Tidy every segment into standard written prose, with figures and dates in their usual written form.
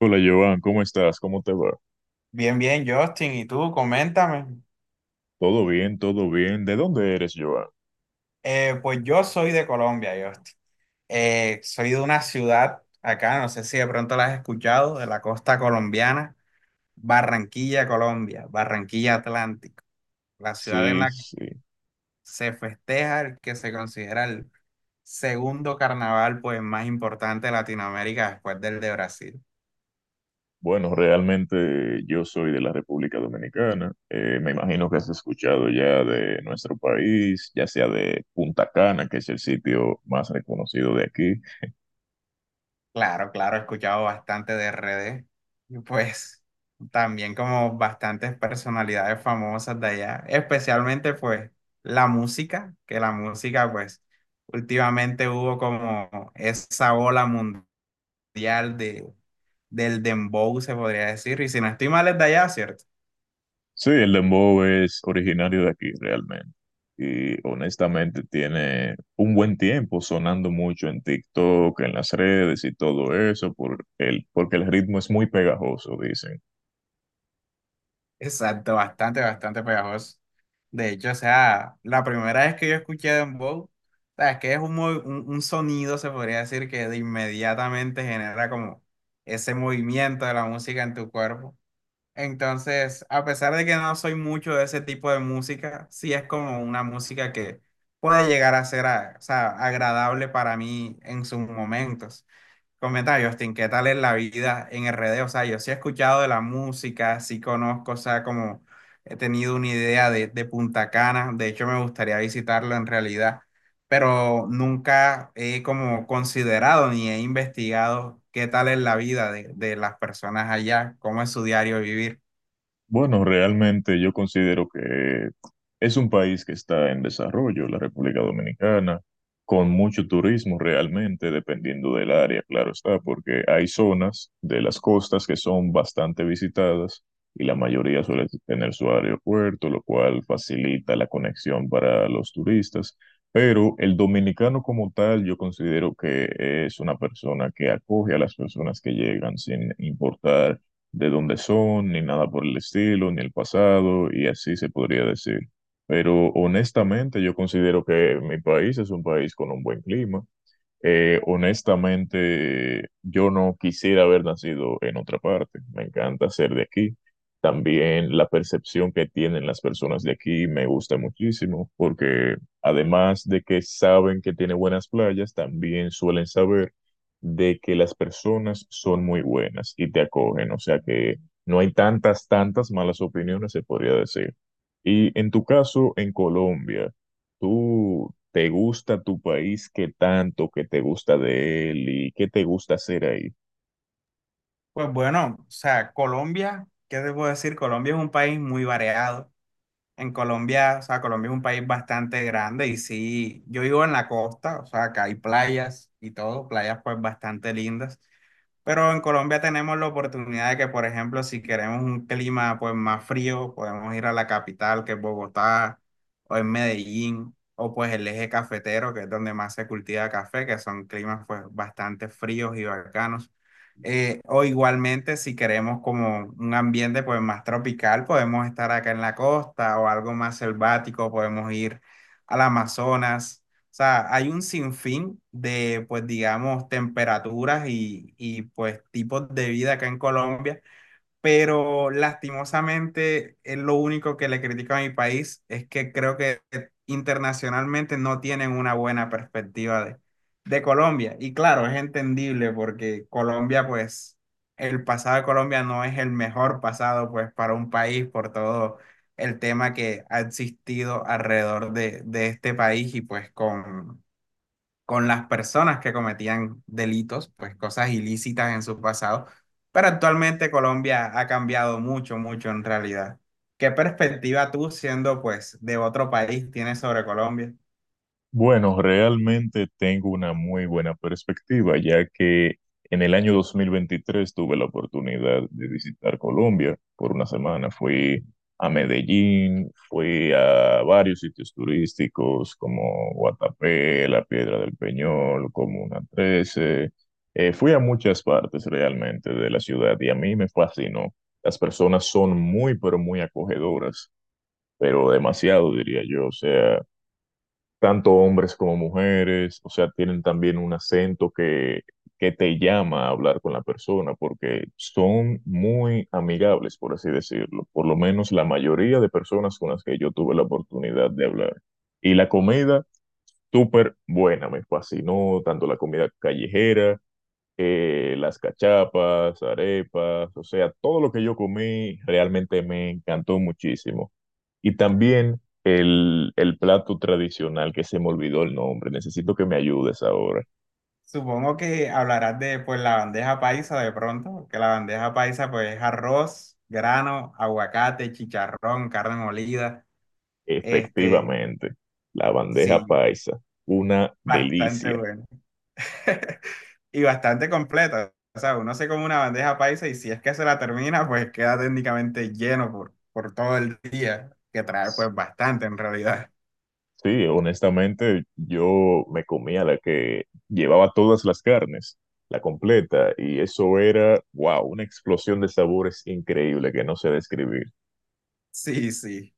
Hola Joan, ¿cómo estás? ¿Cómo te va? Bien, bien, Justin. ¿Y tú? Coméntame. Todo bien, todo bien. ¿De dónde eres, Joan? Pues yo soy de Colombia, Justin. Soy de una ciudad acá, no sé si de pronto la has escuchado, de la costa colombiana, Barranquilla, Colombia, Barranquilla Atlántico, la ciudad en Sí, la que sí. se festeja el que se considera el segundo carnaval pues, más importante de Latinoamérica después del de Brasil. Bueno, realmente yo soy de la República Dominicana. Me imagino que has escuchado ya de nuestro país, ya sea de Punta Cana, que es el sitio más reconocido de aquí. Claro, claro, he escuchado bastante de R D y pues también como bastantes personalidades famosas de allá, especialmente pues la música, que la música pues últimamente hubo como esa ola mundial del dembow, se podría decir, y si no estoy mal es de allá, ¿cierto? Sí, el dembow es originario de aquí, realmente. Y honestamente tiene un buen tiempo sonando mucho en TikTok, en las redes y todo eso, porque el ritmo es muy pegajoso, dicen. Exacto, bastante, bastante pegajoso. De hecho, o sea, la primera vez que yo escuché Dembow, o sea, es que es un sonido, se podría decir, que de inmediatamente genera como ese movimiento de la música en tu cuerpo. Entonces, a pesar de que no soy mucho de ese tipo de música, sí es como una música que puede llegar a ser, o sea, agradable para mí en sus momentos. Comenta Justin, ¿qué tal es la vida en RD? O sea, yo sí he escuchado de la música, sí conozco, o sea, como he tenido una idea de Punta Cana, de hecho me gustaría visitarlo en realidad, pero nunca he como considerado ni he investigado qué tal es la vida de las personas allá, cómo es su diario vivir. Bueno, realmente yo considero que es un país que está en desarrollo, la República Dominicana, con mucho turismo realmente, dependiendo del área, claro está, porque hay zonas de las costas que son bastante visitadas y la mayoría suele tener su aeropuerto, lo cual facilita la conexión para los turistas. Pero el dominicano como tal, yo considero que es una persona que acoge a las personas que llegan sin importar de dónde son, ni nada por el estilo, ni el pasado, y así se podría decir. Pero honestamente yo considero que mi país es un país con un buen clima, honestamente, yo no quisiera haber nacido en otra parte. Me encanta ser de aquí. También la percepción que tienen las personas de aquí me gusta muchísimo, porque además de que saben que tiene buenas playas, también suelen saber de que las personas son muy buenas y te acogen. O sea que no hay tantas malas opiniones, se podría decir. Y en tu caso, en Colombia. ¿Tú te gusta tu país? ¿Qué tanto que te gusta de él y qué te gusta hacer ahí? Pues bueno, o sea, Colombia, ¿qué te puedo decir? Colombia es un país muy variado. En Colombia, o sea, Colombia es un país bastante grande y sí, yo vivo en la costa, o sea, acá hay playas y todo, playas pues bastante lindas, pero en Colombia tenemos la oportunidad de que, por ejemplo, si queremos un clima pues más frío, podemos ir a la capital, que es Bogotá, o en Medellín, o pues el eje cafetero, que es donde más se cultiva café, que son climas pues bastante fríos y bacanos. O igualmente, si queremos como un ambiente pues más tropical, podemos estar acá en la costa o algo más selvático, podemos ir al Amazonas. O sea, hay un sinfín de, pues digamos, temperaturas y pues tipos de vida acá en Colombia, pero lastimosamente es lo único que le critico a mi país, es que creo que internacionalmente no tienen una buena perspectiva de Colombia. Y claro, es entendible porque Colombia, pues, el pasado de Colombia no es el mejor pasado, pues, para un país por todo el tema que ha existido alrededor de este país y pues con las personas que cometían delitos, pues cosas ilícitas en su pasado, pero actualmente Colombia ha cambiado mucho, mucho en realidad. ¿Qué perspectiva tú, siendo pues de otro país, tienes sobre Colombia? Bueno, realmente tengo una muy buena perspectiva, ya que en el año 2023 tuve la oportunidad de visitar Colombia por una semana. Fui a Medellín, fui a varios sitios turísticos como Guatapé, La Piedra del Peñol, Comuna Trece. Fui a muchas partes realmente de la ciudad y a mí me fascinó. Las personas son muy, pero muy acogedoras, pero demasiado, diría yo. O sea, tanto hombres como mujeres, o sea, tienen también un acento que te llama a hablar con la persona, porque son muy amigables, por así decirlo, por lo menos la mayoría de personas con las que yo tuve la oportunidad de hablar. Y la comida, súper buena, me fascinó, tanto la comida callejera, las cachapas, arepas, o sea, todo lo que yo comí realmente me encantó muchísimo. Y también el plato tradicional, que se me olvidó el nombre, necesito que me ayudes ahora. Supongo que hablarás de pues la bandeja paisa de pronto, que la bandeja paisa pues es arroz, grano, aguacate, chicharrón, carne molida, este, Efectivamente, la bandeja sí, paisa, una bastante delicia. bueno. Y bastante completa. O sea, uno se como una bandeja paisa y si es que se la termina, pues queda técnicamente lleno por todo el día, que trae pues bastante en realidad. Sí, honestamente, yo me comía la que llevaba todas las carnes, la completa, y eso era, wow, una explosión de sabores increíble que no sé describir. Sí, sí.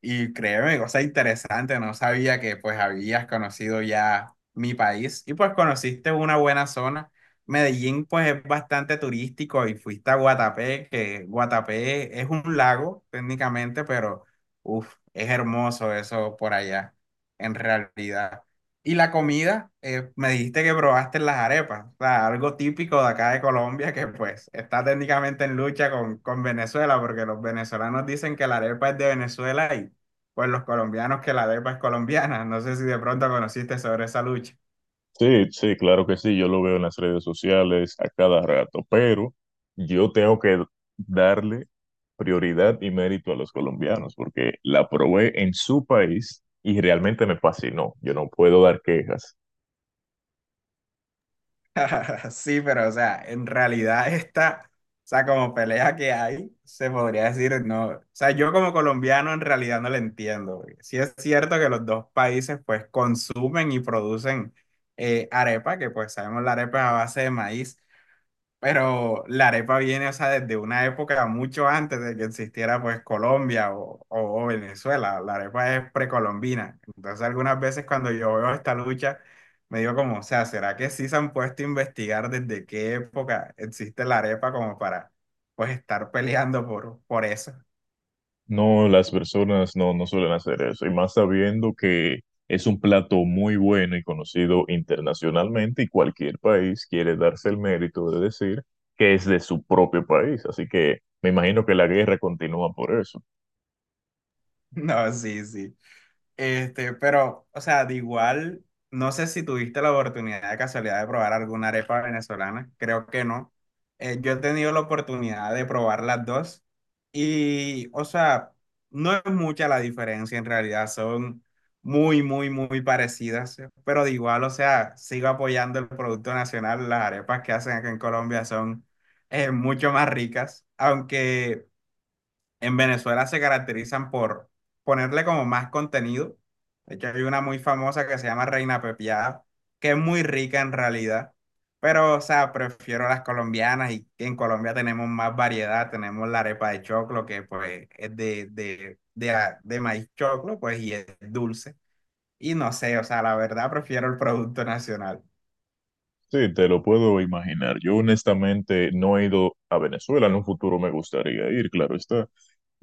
Y créeme, cosa interesante, no sabía que pues habías conocido ya mi país y pues conociste una buena zona. Medellín pues es bastante turístico y fuiste a Guatapé, que Guatapé es un lago técnicamente, pero uff, es hermoso eso por allá, en realidad. Y la comida, me dijiste que probaste las arepas, o sea, algo típico de acá de Colombia que pues está técnicamente en lucha con Venezuela, porque los venezolanos dicen que la arepa es de Venezuela y pues los colombianos que la DEPA es colombiana. No sé si de pronto conociste sobre esa lucha. Sí, sí, claro que sí, yo lo veo en las redes sociales a cada rato, pero yo tengo que darle prioridad y mérito a los colombianos porque la probé en su país y realmente me fascinó. Yo no puedo dar quejas. Sí, pero o sea, en realidad esta, o sea, como pelea que hay, se podría decir, no, o sea, yo como colombiano en realidad no la entiendo, porque sí es cierto que los dos países pues consumen y producen arepa, que pues sabemos la arepa es a base de maíz. Pero la arepa viene, o sea, desde una época mucho antes de que existiera pues Colombia o Venezuela. La arepa es precolombina. Entonces algunas veces cuando yo veo esta lucha, me digo como, o sea, ¿será que sí se han puesto a investigar desde qué época existe la arepa como para pues estar peleando por eso? No, las personas no suelen hacer eso, y más sabiendo que es un plato muy bueno y conocido internacionalmente y cualquier país quiere darse el mérito de decir que es de su propio país, así que me imagino que la guerra continúa por eso. No, sí, sí. Este, pero, o sea, de igual, no sé si tuviste la oportunidad de casualidad de probar alguna arepa venezolana, creo que no. Yo he tenido la oportunidad de probar las dos y, o sea, no es mucha la diferencia en realidad, son muy, muy, muy parecidas, pero de igual, o sea, sigo apoyando el producto nacional, las arepas que hacen acá en Colombia son mucho más ricas, aunque en Venezuela se caracterizan por ponerle como más contenido. De hecho, hay una muy famosa que se llama Reina Pepiada, que es muy rica en realidad. Pero, o sea, prefiero las colombianas y en Colombia tenemos más variedad. Tenemos la arepa de choclo, que pues es de maíz choclo, pues y es dulce. Y no sé, o sea, la verdad prefiero el producto nacional. Sí, te lo puedo imaginar. Yo honestamente no he ido a Venezuela, en un futuro me gustaría ir, claro está.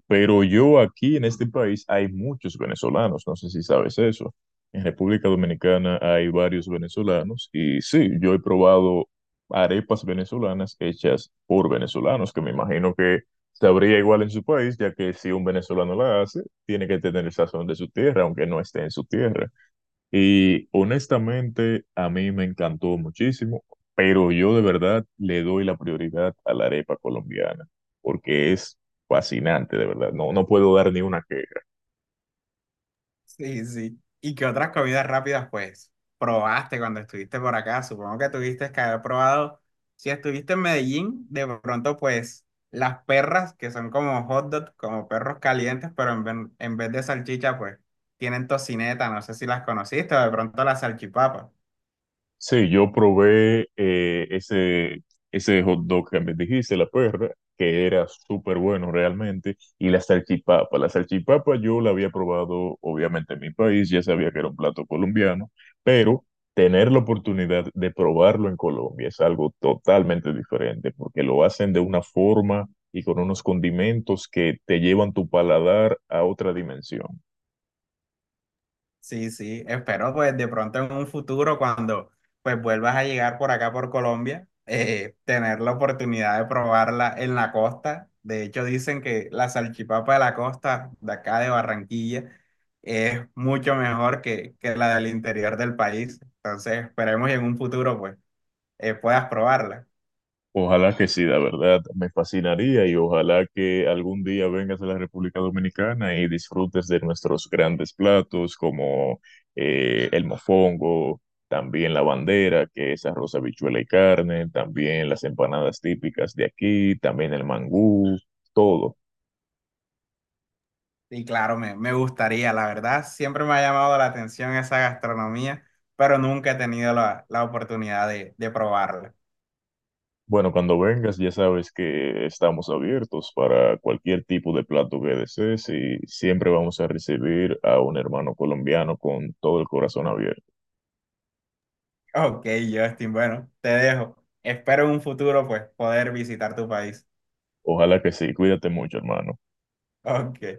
Pero yo aquí en este país hay muchos venezolanos, no sé si sabes eso. En República Dominicana hay varios venezolanos y sí, yo he probado arepas venezolanas hechas por venezolanos, que me imagino que sabría igual en su país, ya que si un venezolano la hace, tiene que tener el sazón de su tierra, aunque no esté en su tierra. Y honestamente, a mí me encantó muchísimo, pero yo de verdad le doy la prioridad a la arepa colombiana, porque es fascinante, de verdad. No, no puedo dar ni una. Sí, sí. ¿Y qué otras comidas rápidas, pues, probaste cuando estuviste por acá? Supongo que tuviste que haber probado, si estuviste en Medellín, de pronto, pues, las perras, que son como hot dogs, como perros calientes, pero en vez de salchicha, pues, tienen tocineta, no sé si las conociste, o de pronto la salchipapa. Sí, yo probé ese hot dog que me dijiste, la perra, que era súper bueno realmente, y la salchipapa. La salchipapa yo la había probado obviamente en mi país, ya sabía que era un plato colombiano, pero tener la oportunidad de probarlo en Colombia es algo totalmente diferente, porque lo hacen de una forma y con unos condimentos que te llevan tu paladar a otra dimensión. Sí, sí, espero pues de pronto en un futuro cuando pues vuelvas a llegar por acá por Colombia, tener la oportunidad de probarla en la costa. De hecho dicen que la salchipapa de la costa de acá de Barranquilla es mucho mejor que la del interior del país. Entonces esperemos y en un futuro pues puedas probarla. Ojalá que sí, la verdad, me fascinaría y ojalá que algún día vengas a la República Dominicana y disfrutes de nuestros grandes platos como el mofongo, también la bandera, que es arroz, habichuela y carne, también las empanadas típicas de aquí, también el mangú, todo. Y claro, me gustaría, la verdad, siempre me ha llamado la atención esa gastronomía, pero nunca he tenido la oportunidad de probarla. Bueno, cuando vengas ya sabes que estamos abiertos para cualquier tipo de plato que desees y siempre vamos a recibir a un hermano colombiano con todo el corazón abierto. Ok, Justin, bueno, te dejo. Espero en un futuro pues poder visitar tu país. Ojalá que sí. Cuídate mucho, hermano. Ok.